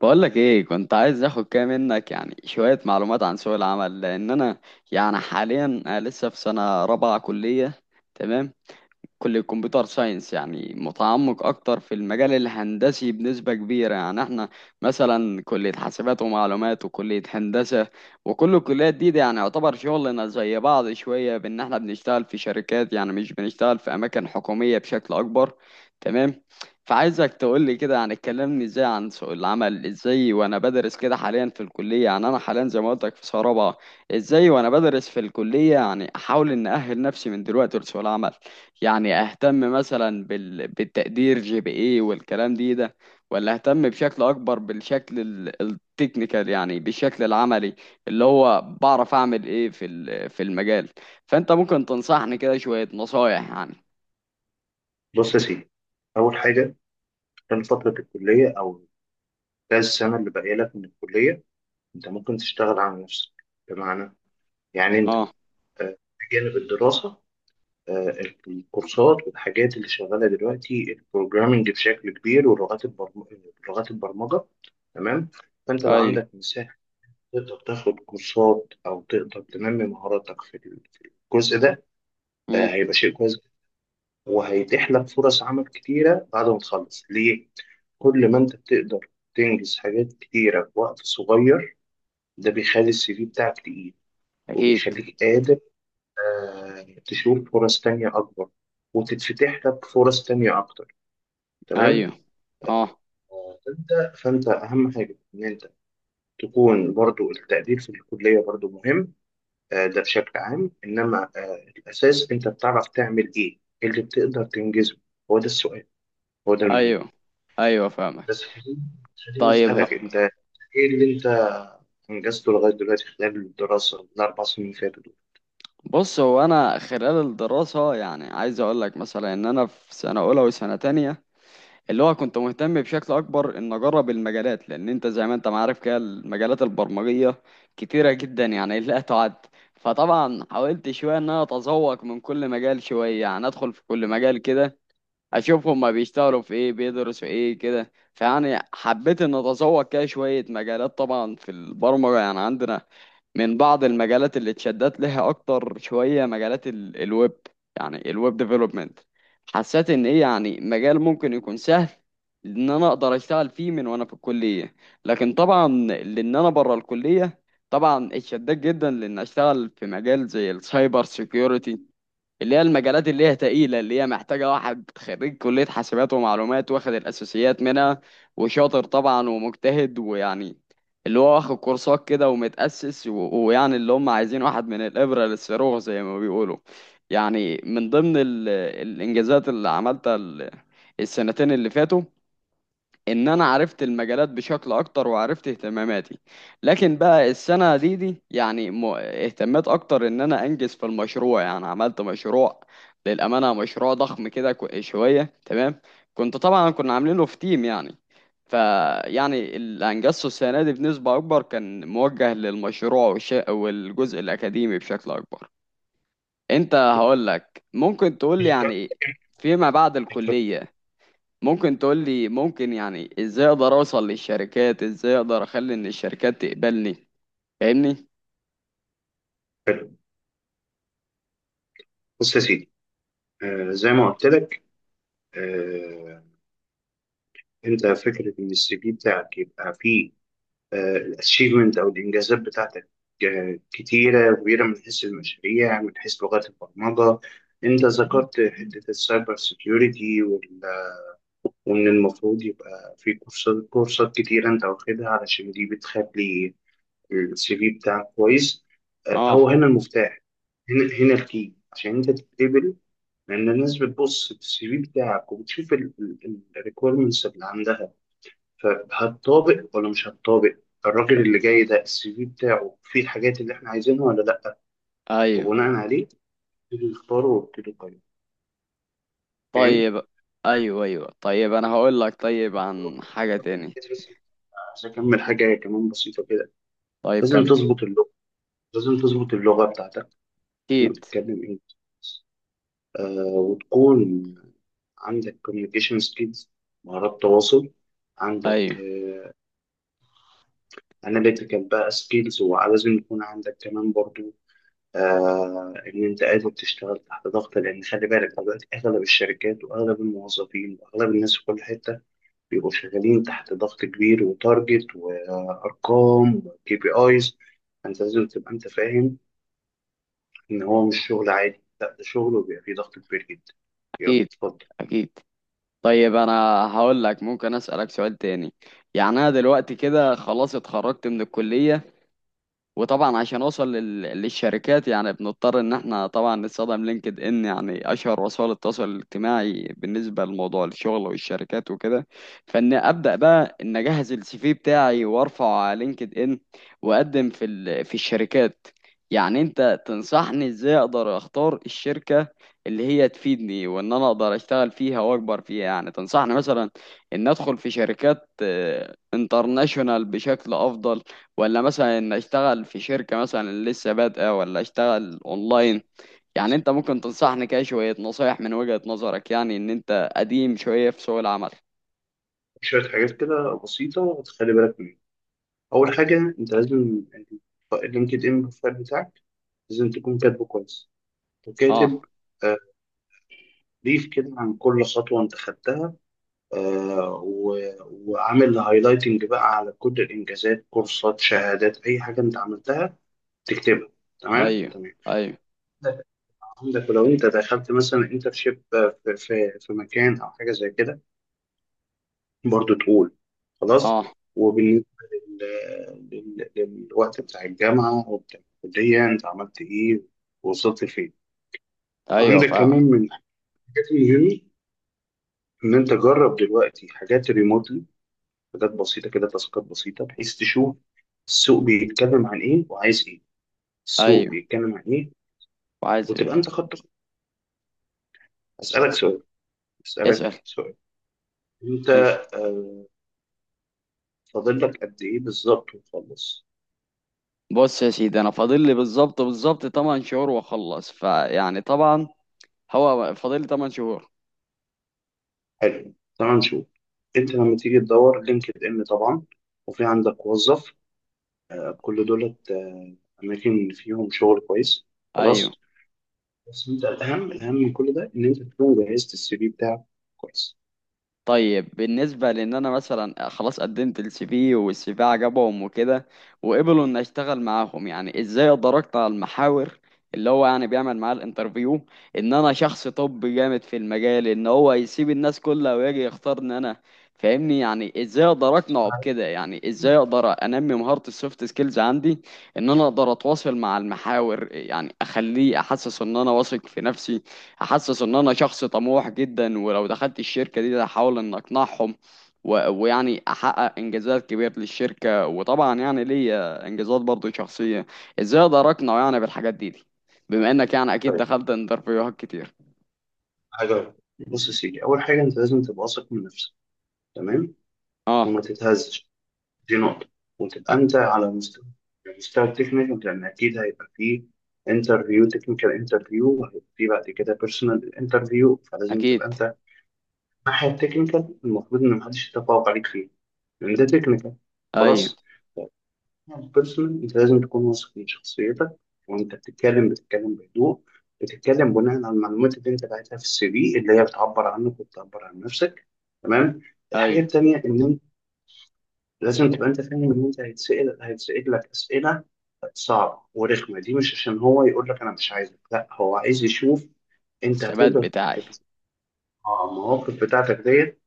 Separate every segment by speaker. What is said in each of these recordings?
Speaker 1: بقولك ايه كنت عايز اخد كده منك يعني شوية معلومات عن سوق العمل لان انا يعني حاليا أنا لسه في سنة رابعة كلية. تمام. كلية كمبيوتر ساينس يعني متعمق أكتر في المجال الهندسي بنسبة كبيرة يعني احنا مثلا كلية حاسبات ومعلومات وكلية هندسة، وكل الكليات دي يعني يعتبر شغلنا زي بعض شوية بإن احنا بنشتغل في شركات، يعني مش بنشتغل في أماكن حكومية بشكل أكبر. تمام. فعايزك تقول لي كده يعني اتكلمني ازاي عن سوق العمل، ازاي وانا بدرس كده حاليا في الكلية، يعني انا حاليا زي ما قلت لك في سنة رابعة. ازاي وانا بدرس في الكلية يعني احاول ان اهل نفسي من دلوقتي لسوق العمل. يعني اهتم مثلا بالتقدير جي بي اي والكلام دي ده، ولا اهتم بشكل اكبر بالشكل التكنيكال، يعني بالشكل العملي اللي هو بعرف اعمل ايه في في المجال. فانت ممكن تنصحني كده شوية نصايح يعني.
Speaker 2: بص يا سيدي، أول حاجة، خلال فترة الكلية أو خلال السنة اللي باقية لك من الكلية أنت ممكن تشتغل على نفسك. بمعنى، أنت،
Speaker 1: اه.
Speaker 2: آه، بجانب الدراسة، آه، الكورسات والحاجات اللي شغالة دلوقتي البروجرامينج بشكل كبير ولغات لغات البرمجة. تمام. فأنت لو
Speaker 1: ايوه.
Speaker 2: عندك مساحة تقدر تاخد كورسات أو تقدر تنمي مهاراتك في في الجزء ده.
Speaker 1: امم.
Speaker 2: هيبقى شيء كويس وهيتيح لك فرص عمل كتيرة بعد ما تخلص ليه؟ كل ما انت بتقدر تنجز حاجات كتيرة في وقت صغير، ده بيخلي السي في بتاعك تقيل
Speaker 1: اكيد.
Speaker 2: وبيخليك قادر، تشوف فرص تانية أكبر وتتفتح لك فرص تانية أكتر.
Speaker 1: ايوه.
Speaker 2: تمام.
Speaker 1: اه.
Speaker 2: فأنت أهم حاجة إن أنت تكون برضو، التقدير في الكلية برضو مهم، ده بشكل عام، إنما الأساس أنت بتعرف تعمل إيه، إيه اللي بتقدر تنجزه. هو ده السؤال، هو ده المهم.
Speaker 1: ايوه، ايوه فاهمك.
Speaker 2: بس خليني،
Speaker 1: طيب
Speaker 2: أسألك أنت إيه اللي أنت أنجزته لغاية دلوقتي خلال الدراسة الأربع سنين اللي فاتوا دول.
Speaker 1: بص هو انا خلال الدراسة يعني عايز اقول لك مثلا ان انا في سنة اولى وسنة تانية اللي هو كنت مهتم بشكل اكبر ان اجرب المجالات، لان انت زي ما انت ما عارف كده المجالات البرمجيه كتيره جدا يعني لا تعد. فطبعا حاولت شويه ان انا اتذوق من كل مجال شويه، يعني ادخل في كل مجال كده اشوف هما بيشتغلوا في ايه بيدرسوا ايه كده، فيعني حبيت ان اتذوق كده شوية مجالات. طبعا في البرمجة يعني عندنا من بعض المجالات اللي اتشدت لها اكتر شوية مجالات الويب، يعني الويب ديفلوبمنت. حسيت ان ايه يعني مجال ممكن يكون سهل ان انا اقدر اشتغل فيه من وانا في الكلية. لكن طبعا لان انا بره الكلية طبعا اتشدت جدا لان اشتغل في مجال زي السايبر سيكيورتي، اللي هي المجالات اللي هي تقيلة، اللي هي محتاجة واحد خريج كلية حاسبات ومعلومات واخد الأساسيات منها وشاطر طبعا ومجتهد، ويعني اللي هو واخد كورسات كده ومتأسس ويعني اللي هم عايزين واحد من الإبرة للصاروخ زي ما بيقولوا. يعني من ضمن الإنجازات اللي عملتها السنتين اللي فاتوا ان انا عرفت المجالات بشكل اكتر وعرفت اهتماماتي. لكن بقى السنه دي يعني اهتميت اكتر ان انا انجز في المشروع. يعني عملت مشروع، للامانه مشروع ضخم كده شويه تمام. كنت طبعا كنا عاملينه في تيم يعني. فيعني اللي انجزته السنه دي بنسبه اكبر كان موجه للمشروع والجزء الاكاديمي بشكل اكبر. انت هقول لك ممكن تقول
Speaker 2: مش
Speaker 1: لي
Speaker 2: جد-
Speaker 1: يعني فيما بعد
Speaker 2: مش جد.
Speaker 1: الكليه، ممكن تقول لي ممكن يعني ازاي اقدر اوصل للشركات، ازاي اقدر اخلي ان الشركات تقبلني. فاهمني؟
Speaker 2: حلو. بص يا سيدي، زي ما قلت لك، آه أنت فكرة إن السي في بتاعك يبقى فيه الأتشيفمنت أو الإنجازات بتاعتك، كتيرة كبيرة، من حيث المشاريع، من حيث لغات البرمجة. أنت ذكرت حتة السايبر سيكيورتي ومن المفروض يبقى في كورسات كتيرة أنت واخدها، علشان دي بتخلي السي في بتاعك كويس.
Speaker 1: اه.
Speaker 2: هو هنا المفتاح، هنا الكي عشان انت تتقبل. لان الناس بتبص في السي في بتاعك وبتشوف الريكويرمنتس اللي عندها، فهتطابق ولا مش هتطابق. الراجل اللي جاي ده السي في بتاعه فيه الحاجات اللي احنا عايزينها ولا لا،
Speaker 1: ايوه.
Speaker 2: وبناء عليه نبتدي نختاره وابتدي نقيم. فاهم؟
Speaker 1: طيب. ايوه، ايوه طيب انا هقول لك طيب عن حاجة تاني.
Speaker 2: عايز اكمل حاجه كمان بسيطه كده.
Speaker 1: طيب
Speaker 2: لازم
Speaker 1: كمل.
Speaker 2: تظبط اللغه، لازم تظبط اللغه بتاعتك لما
Speaker 1: اكيد.
Speaker 2: بتتكلم انجلش، وتكون عندك communication skills، مهارات تواصل، عندك
Speaker 1: ايوه.
Speaker 2: اناليتيكال بقى سكيلز. ولازم يكون عندك كمان برضو ان انت قادر تشتغل تحت ضغط، لان خلي بالك دلوقتي اغلب الشركات واغلب الموظفين واغلب الناس في كل حته بيبقوا شغالين تحت ضغط كبير، وتارجت وارقام وكي بي ايز. فانت لازم تبقى انت فاهم ان هو مش شغل عادي، لا ده شغل وبيبقى فيه ضغط كبير جدا. يلا
Speaker 1: اكيد.
Speaker 2: اتفضل.
Speaker 1: اكيد. طيب انا هقول لك ممكن اسالك سؤال تاني. يعني انا دلوقتي كده خلاص اتخرجت من الكلية، وطبعا عشان اوصل للشركات يعني بنضطر ان احنا طبعا نستخدم لينكد ان، يعني اشهر وسائل التواصل الاجتماعي بالنسبه لموضوع الشغل والشركات وكده. فان ابدا بقى ان اجهز السي في بتاعي وارفعه على لينكد ان واقدم في في الشركات. يعني انت تنصحني ازاي اقدر اختار الشركه اللي هي تفيدني وان انا اقدر اشتغل فيها واكبر فيها، يعني تنصحني مثلا ان ادخل في شركات انترناشونال بشكل افضل، ولا مثلا ان اشتغل في شركة مثلا لسه بادئة، ولا اشتغل اونلاين. يعني انت ممكن تنصحني كده شوية نصايح من وجهة نظرك، يعني ان انت قديم شوية في سوق العمل.
Speaker 2: شوية حاجات كده بسيطة تخلي بالك. اول حاجه انت لازم اللينكد ان بروفايل بتاعك لازم تكون كاتبه كويس،
Speaker 1: اه.
Speaker 2: وكاتب آه، بريف كده عن كل خطوه انت خدتها، آه، و- وعامل هايلايتنج بقى على كل الانجازات، كورسات، شهادات، اي حاجه انت عملتها تكتبها.
Speaker 1: ايوه.
Speaker 2: تمام.
Speaker 1: ايوه.
Speaker 2: عندك ولو انت دخلت مثلا انترشيب في في مكان او حاجه زي كده، برضو تقول. خلاص.
Speaker 1: اه.
Speaker 2: وبالنسبة لل... للوقت بتاع الجامعة وبتاع الكلية أنت عملت إيه ووصلت فين.
Speaker 1: ايوه
Speaker 2: عندك
Speaker 1: فاهم.
Speaker 2: كمان من الحاجات المهمة إن أنت جرب دلوقتي حاجات ريموتلي، حاجات بسيطة كده، تاسكات بسيطة، بحيث تشوف السوق بيتكلم عن إيه وعايز إيه. السوق
Speaker 1: ايوه
Speaker 2: بيتكلم عن إيه
Speaker 1: وعايز
Speaker 2: وتبقى
Speaker 1: ايه.
Speaker 2: أنت خدت. أسألك سؤال أسألك
Speaker 1: اسأل.
Speaker 2: سؤال، أنت
Speaker 1: ماشي.
Speaker 2: آه، فاضل لك قد إيه بالظبط وتخلص؟
Speaker 1: بص يا سيدي انا فاضل لي بالظبط بالظبط 8 شهور واخلص، فيعني طبعا هو فاضل لي 8 شهور.
Speaker 2: حلو. تعال نشوف، انت لما تيجي تدور لينكد ان طبعا، وفي عندك وظف، كل دولت، اماكن فيهم شغل كويس. خلاص.
Speaker 1: ايوه.
Speaker 2: بس انت الاهم، من كل ده ان انت تكون جهزت السي في بتاعك كويس.
Speaker 1: طيب بالنسبة لان انا مثلا خلاص قدمت السي في والسي في عجبهم وكده وقبلوا ان اشتغل معاهم، يعني ازاي اقدر اقطع المحاور اللي هو يعني بيعمل معاه الانترفيو ان انا شخص طبي جامد في المجال، ان هو يسيب الناس كلها ويجي يختارني انا؟ فاهمني؟ يعني ازاي اقدر اقنعه بكده؟ يعني ازاي اقدر انمي مهارة السوفت سكيلز عندي ان انا اقدر اتواصل مع المحاور، يعني اخليه احسس ان انا واثق في نفسي، احسس ان انا شخص طموح جدا، ولو دخلت الشركه دي هحاول ان اقنعهم ويعني احقق انجازات كبيره للشركه، وطبعا يعني ليا انجازات برضو شخصيه. ازاي اقدر اقنع يعني بالحاجات دي، بما انك يعني اكيد
Speaker 2: طيب،
Speaker 1: دخلت انترفيوهات كتير.
Speaker 2: حاجه، بص يا سيدي، اول حاجه انت لازم تبقى واثق من نفسك. تمام.
Speaker 1: اه
Speaker 2: وما تتهزش، دي نقطه. وتبقى
Speaker 1: أ-
Speaker 2: انت على المستوى التكنيكال، لان اكيد هيبقى فيه انترفيو تكنيكال، وهيبقى فيه بعد كده بيرسونال انترفيو. فلازم تبقى
Speaker 1: اكيد.
Speaker 2: انت الناحية التكنيكال المفروض إن محدش يتفوق عليك فيه، لأن ده تكنيكال.
Speaker 1: ايوه.
Speaker 2: خلاص. البيرسونال أنت لازم تكون واثق من شخصيتك، وأنت بتتكلم بهدوء، بتتكلم بناء على المعلومات اللي أنت باعتها في السي في، اللي هي بتعبر عنك وبتعبر عن نفسك. تمام. الحاجة
Speaker 1: ايوه
Speaker 2: التانية إن أنت لازم تبقى أنت فاهم إن أنت هيتسأل لك أسئلة صعبة ورخمة، دي مش عشان هو يقول لك أنا مش عايزك، لا هو عايز يشوف أنت
Speaker 1: الثبات
Speaker 2: هتقدر
Speaker 1: بتاعي.
Speaker 2: تحل المواقف بتاعتك ديت.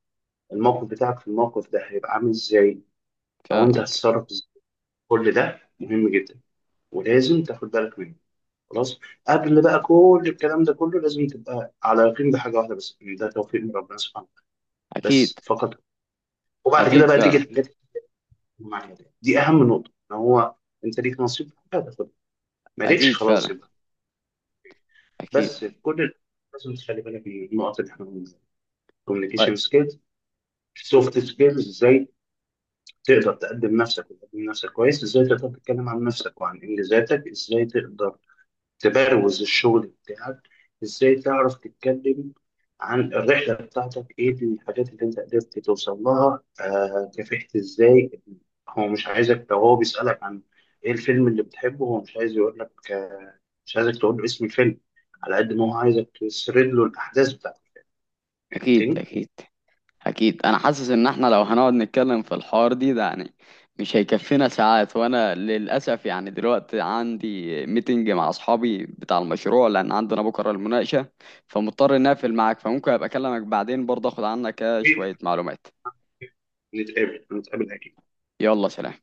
Speaker 2: الموقف بتاعك في الموقف ده هيبقى عامل ازاي، او انت
Speaker 1: فاهمك.
Speaker 2: هتتصرف ازاي. كل ده مهم جدا ولازم تاخد بالك منه. خلاص. قبل بقى كل الكلام ده كله، لازم تبقى على يقين بحاجه واحده بس، ان ده توفيق من ربنا سبحانه وتعالى،
Speaker 1: اكيد.
Speaker 2: بس فقط. وبعد كده
Speaker 1: اكيد
Speaker 2: بقى تيجي
Speaker 1: فعلا.
Speaker 2: الحاجات المعنيه دي اهم نقطه، ان هو انت ليك نصيب في حاجه هتاخدها، مالكش
Speaker 1: اكيد
Speaker 2: خلاص
Speaker 1: فعلا.
Speaker 2: يبقى.
Speaker 1: اكيد.
Speaker 2: بس في كل لازم تخلي بالك من النقط اللي احنا بنقولها،
Speaker 1: طيب.
Speaker 2: كوميونيكيشن سكيلز، سوفت سكيلز. ازاي تقدر تقدم نفسك وتقدم نفسك كويس، ازاي تقدر تتكلم عن نفسك وعن انجازاتك، ازاي تقدر تبروز الشغل بتاعك، ازاي تعرف تتكلم عن الرحلة بتاعتك، ايه الحاجات اللي انت قدرت توصل لها، كافحت ازاي. هو مش عايزك، لو هو بيسألك عن ايه الفيلم اللي بتحبه، هو مش عايز، يقول لك آه مش عايزك تقول له اسم الفيلم، على قد ما هو عايزك تسرد له الاحداث بتاعتك.
Speaker 1: اكيد.
Speaker 2: فهمتني؟
Speaker 1: اكيد. أكيد أنا حاسس إن إحنا لو هنقعد نتكلم في الحوار ده يعني مش هيكفينا ساعات، وأنا للأسف يعني دلوقتي عندي ميتنج مع أصحابي بتاع المشروع لأن عندنا بكرة المناقشة، فمضطر إني أقفل معاك. فممكن أبقى أكلمك بعدين برضه أخد عنك شوية معلومات.
Speaker 2: نتقابل أكيد.
Speaker 1: يلا سلام.